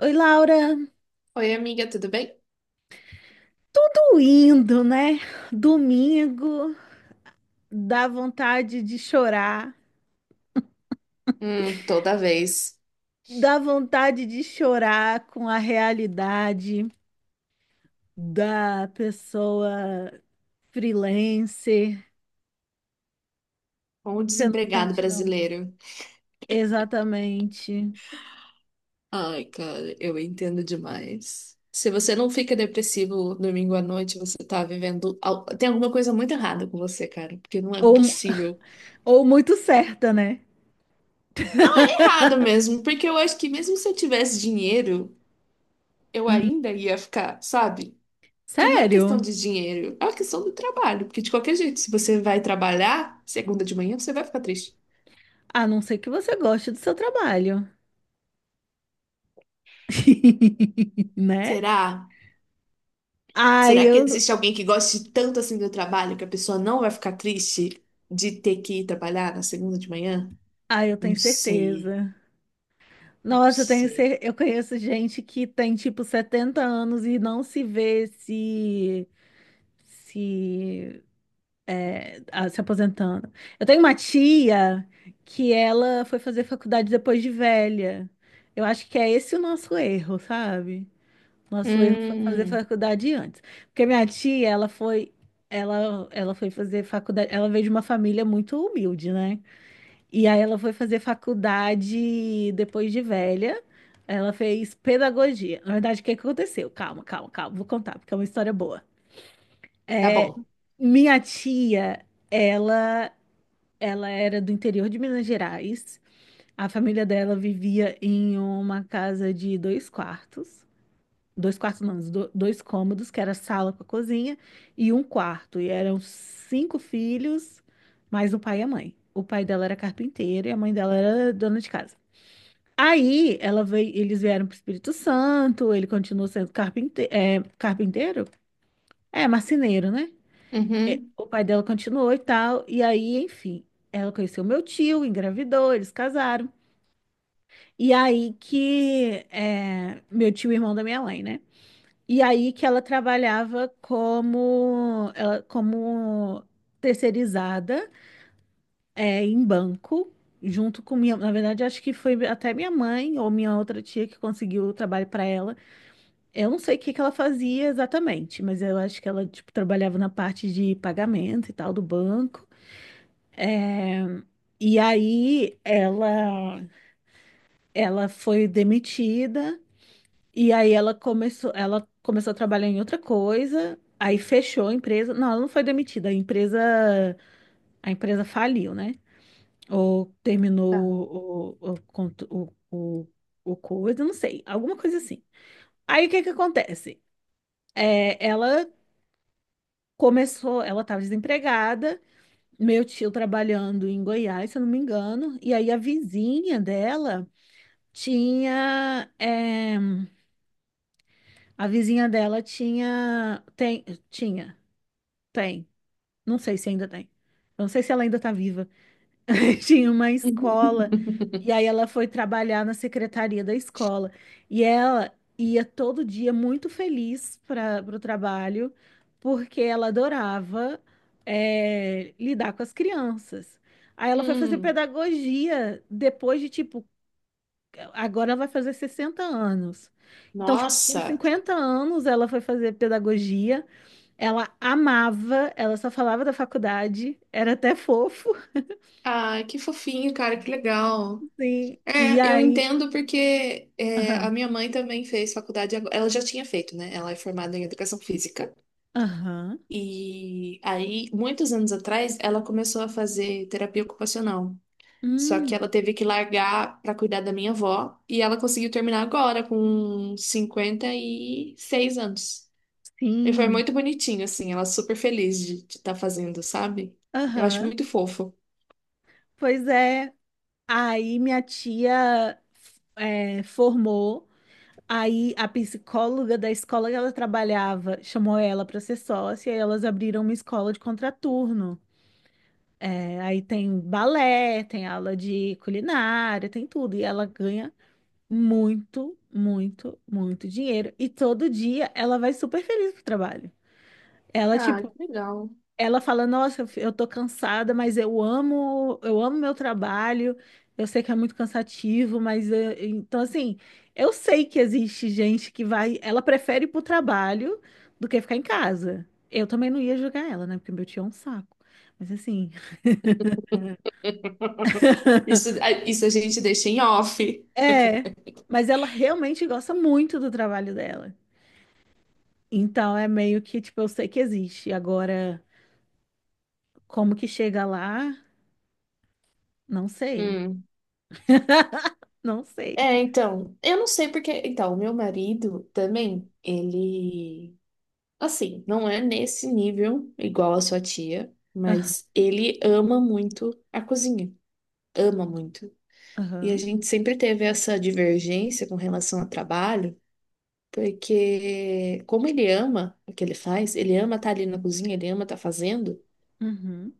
Oi, Laura. Oi, amiga, tudo bem? Tudo indo, né? Domingo, dá vontade de chorar, Toda vez. dá vontade de chorar com a realidade da pessoa freelancer. Com o Você não desempregado sente, não? brasileiro. Exatamente. Ai, cara, eu entendo demais. Se você não fica depressivo domingo à noite, você tá vivendo. Tem alguma coisa muito errada com você, cara, porque não é Ou, mu- possível. ou muito certa, né? Errado mesmo, porque eu acho que mesmo se eu tivesse dinheiro, eu Hum, ainda ia ficar, sabe? Porque não é questão sério? de dinheiro, é uma questão do trabalho. Porque de qualquer jeito, se você vai trabalhar segunda de manhã, você vai ficar triste. A não ser que você goste do seu trabalho, né? Será? Ah, Será que eu, existe alguém que goste tanto assim do trabalho que a pessoa não vai ficar triste de ter que ir trabalhar na segunda de manhã? ah, eu Não tenho sei, certeza. não Nossa, sei. Eu conheço gente que tem tipo 70 anos e não se vê se se aposentando. Eu tenho uma tia que ela foi fazer faculdade depois de velha. Eu acho que é esse o nosso erro, sabe? Nosso erro foi fazer Hum, faculdade antes. Porque minha tia, ela foi fazer faculdade, ela veio de uma família muito humilde, né? E aí ela foi fazer faculdade depois de velha. Ela fez pedagogia. Na verdade, o que que aconteceu? Calma, calma, calma. Vou contar, porque é uma história boa. tá bom. Minha tia, ela, ela era do interior de Minas Gerais. A família dela vivia em uma casa de dois quartos. Dois quartos, não, do- dois cômodos, que era sala com a cozinha, e um quarto. E eram cinco filhos, mais o pai e a mãe. O pai dela era carpinteiro e a mãe dela era dona de casa. Eles vieram para o Espírito Santo, ele continuou sendo carpinteiro? É, marceneiro, né? É, Uhum, o pai dela continuou e tal. E aí, enfim, ela conheceu meu tio, engravidou, eles casaram. E aí que é, meu tio, irmão da minha mãe, né? E aí que ela trabalhava como terceirizada, em banco junto com na verdade, acho que foi até minha mãe ou minha outra tia que conseguiu o trabalho para ela. Eu não sei o que que ela fazia exatamente, mas eu acho que ela, tipo, trabalhava na parte de pagamento e tal do banco. É, E aí ela, ela foi demitida e aí ela começou a trabalhar em outra coisa, aí fechou a empresa. Não, ela não foi demitida, a empresa faliu, né? Ou tá. terminou o, cont- o coisa, não sei, alguma coisa assim. Aí o que que acontece? É, ela ela estava desempregada, meu tio trabalhando em Goiás, se eu não me engano, e aí tinha, eh, a vizinha dela tinha, tem, não sei se ainda tem, eu não sei se ela ainda está viva, tinha uma escola, e aí ela foi trabalhar na secretaria da escola. E ela ia todo dia muito feliz para o trabalho, porque ela adorava, lidar com as crianças. Aí ela foi fazer Hum, pedagogia depois de, tipo, agora ela vai fazer 60 anos. Então, tipo, com nossa. 50 anos ela foi fazer pedagogia, ela amava, ela só falava da faculdade, era até fofo. Ah, que fofinho, cara, que legal. Sim, e É, eu aí entendo porque é, a aham. minha mãe também fez faculdade, ela já tinha feito, né? Ela é formada em educação física. Aham. E aí, muitos anos atrás, ela começou a fazer terapia ocupacional. Só que Hum, ela teve que largar para cuidar da minha avó. E ela conseguiu terminar agora, com 56 anos. E foi sim. muito bonitinho, assim. Ela super feliz de estar fazendo, sabe? Eu acho Aham. muito fofo. Pois é. Aí minha tia, formou. Aí a psicóloga da escola que ela trabalhava chamou ela para ser sócia e elas abriram uma escola de contraturno. É, aí tem balé, tem aula de culinária, tem tudo. E ela ganha muito, muito, muito dinheiro. E todo dia ela vai super feliz pro trabalho. Ela, Ah, que tipo, legal. ela fala, nossa, eu tô cansada, mas eu amo meu trabalho. Eu sei que é muito cansativo, mas então assim, eu sei que existe gente que vai, ela prefere ir pro trabalho do que ficar em casa. Eu também não ia julgar ela, né? Porque meu tio é um saco. Mas assim, Isso, isso a gente deixa em off. é, mas ela realmente gosta muito do trabalho dela. Então é meio que, tipo, eu sei que existe. Agora, como que chega lá? Não sei. Hum. Não sei. É, então, eu não sei porque. Então, o meu marido também, ele. Assim, não é nesse nível igual a sua tia, Aham. mas ele ama muito a cozinha. Ama muito. E a Aham. gente sempre teve essa divergência com relação ao trabalho, porque como ele ama o que ele faz, ele ama estar ali na cozinha, ele ama estar fazendo, Uhum.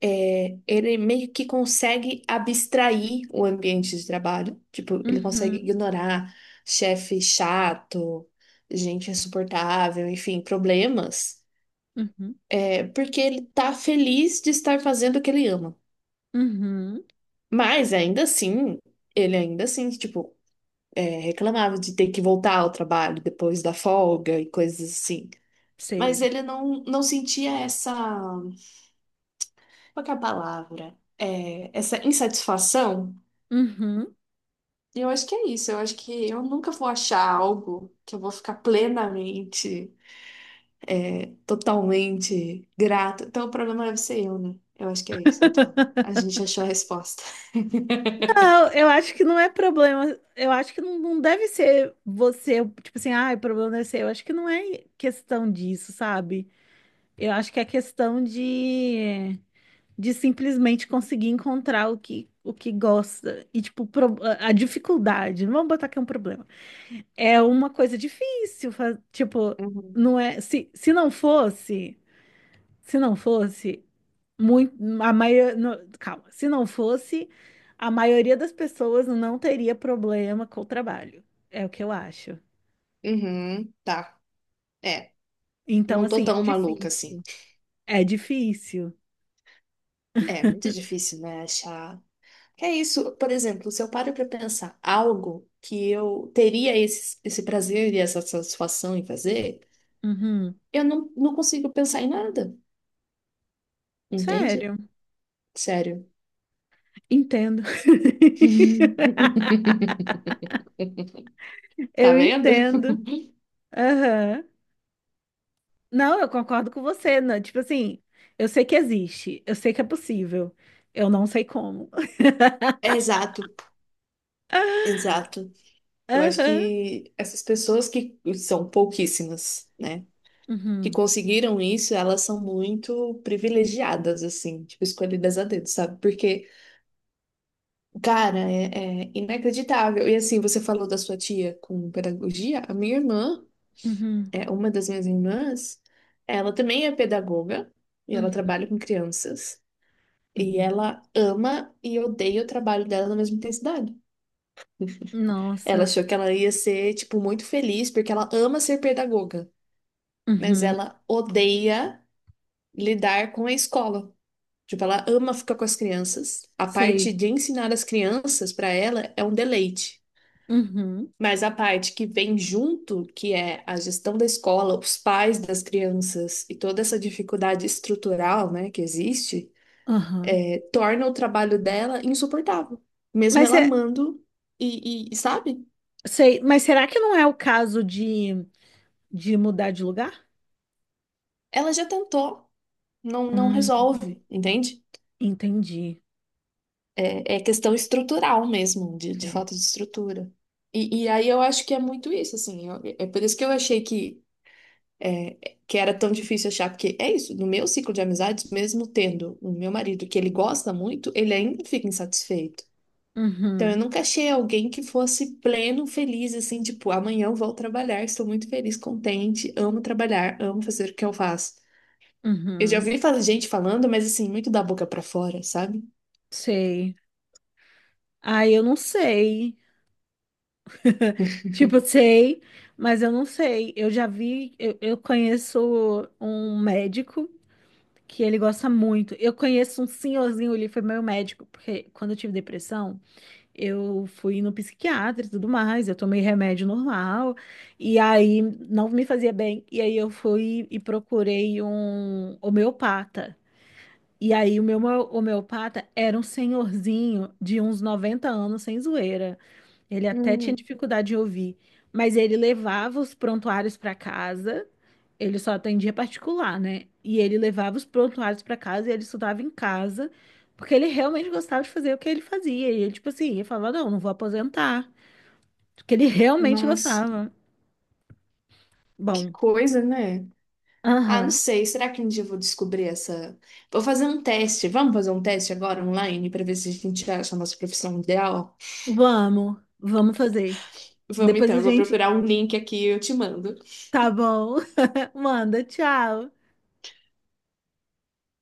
ele meio que consegue abstrair o ambiente de trabalho. Tipo, ele consegue Uhum, ignorar chefe chato, gente insuportável, enfim, problemas. uhum, É porque ele tá feliz de estar fazendo o que ele ama. uhum, Mas ainda assim, ele ainda assim, tipo, reclamava de ter que voltar ao trabalho depois da folga e coisas assim. Mas sei. ele não, não sentia essa. Qual que é a palavra? É, essa insatisfação. Uhum. E eu acho que é isso. Eu acho que eu nunca vou achar algo que eu vou ficar plenamente, totalmente grata. Então o problema deve ser eu, né? Eu acho que é isso. Então, a gente achou a resposta. Não, eu acho que não é problema. Eu acho que não, não deve ser você, tipo assim, ah, o problema é seu. Eu acho que não é questão disso, sabe? Eu acho que é questão de simplesmente conseguir encontrar o que gosta. E, tipo, a dificuldade, não vamos botar que é um problema. É uma coisa difícil, tipo, não é. Se não fosse, se não fosse. Muito, a maioria, calma, se não fosse, a maioria das pessoas não teria problema com o trabalho. É o que eu acho. Uhum, tá. É, Então, não tô assim, é tão maluca assim. difícil. É difícil. É muito difícil, né, achar. Que é isso, por exemplo, se eu paro pra pensar algo que eu teria esse, esse prazer e essa satisfação em fazer, Uhum. eu não, não consigo pensar em nada, entende? Sério, Sério. entendo. Tá Eu vendo? entendo. Aham. Não, eu concordo com você. Né? Tipo assim, eu sei que existe, eu sei que é possível. Eu não sei como. É, exato, exato. Eu acho que essas pessoas que são pouquíssimas, né? Aham. Que Uhum. conseguiram isso, elas são muito privilegiadas, assim, tipo, escolhidas a dedo, sabe? Porque, cara, é, é inacreditável. E assim, você falou da sua tia com pedagogia, a minha irmã, Uhum. é uma das minhas irmãs, ela também é pedagoga e ela Uhum. trabalha com crianças. E Uhum. ela ama e odeia o trabalho dela na mesma intensidade. Ela Nossa. achou que ela ia ser, tipo, muito feliz, porque ela ama ser pedagoga, mas Uhum. ela odeia lidar com a escola. Tipo, ela ama ficar com as crianças. A Sei. parte de ensinar as crianças para ela é um deleite. Uhum, Mas a parte que vem junto, que é a gestão da escola, os pais das crianças e toda essa dificuldade estrutural, né, que existe, aham. Torna o trabalho dela insuportável. Mesmo Mas, ela é, amando sabe? sei, mas será que não é o caso de mudar de lugar? Ela já tentou, não, não Hum, resolve, entende? entendi. É, é questão estrutural mesmo, de É. falta de estrutura. E aí eu acho que é muito isso, assim. É por isso que eu achei que é, que era tão difícil achar, porque é isso, no meu ciclo de amizades, mesmo tendo o meu marido que ele gosta muito, ele ainda fica insatisfeito. Então eu Uhum, nunca achei alguém que fosse pleno, feliz, assim, tipo, amanhã eu vou trabalhar, estou muito feliz, contente, amo trabalhar, amo fazer o que eu faço. Eu já uhum, ouvi gente falando, mas assim, muito da boca pra fora, sabe? sei. Ah, eu não sei. Tipo, sei, mas eu não sei. Eu já vi, eu conheço um médico que ele gosta muito. Eu conheço um senhorzinho, ele foi meu médico, porque quando eu tive depressão. Eu fui no psiquiatra e tudo mais, eu tomei remédio normal, e aí não me fazia bem. E aí eu fui e procurei um homeopata. E aí o meu homeopata era um senhorzinho de uns 90 anos, sem zoeira. Ele até tinha Hum, dificuldade de ouvir, mas ele levava os prontuários para casa. Ele só atendia particular, né? E ele levava os prontuários para casa e ele estudava em casa, porque ele realmente gostava de fazer o que ele fazia. E ele, tipo assim, ele falava: "Não, não vou aposentar", porque ele realmente Nossa, gostava. que Bom, coisa, né? Ah, não aham. sei. Será que um dia eu vou descobrir essa? Vou fazer um teste. Vamos fazer um teste agora online para ver se a gente acha a nossa profissão ideal? Vamos, vamos fazer. Vamos Depois então, a eu vou gente, procurar um link aqui e eu te mando. tá bom. Manda, tchau.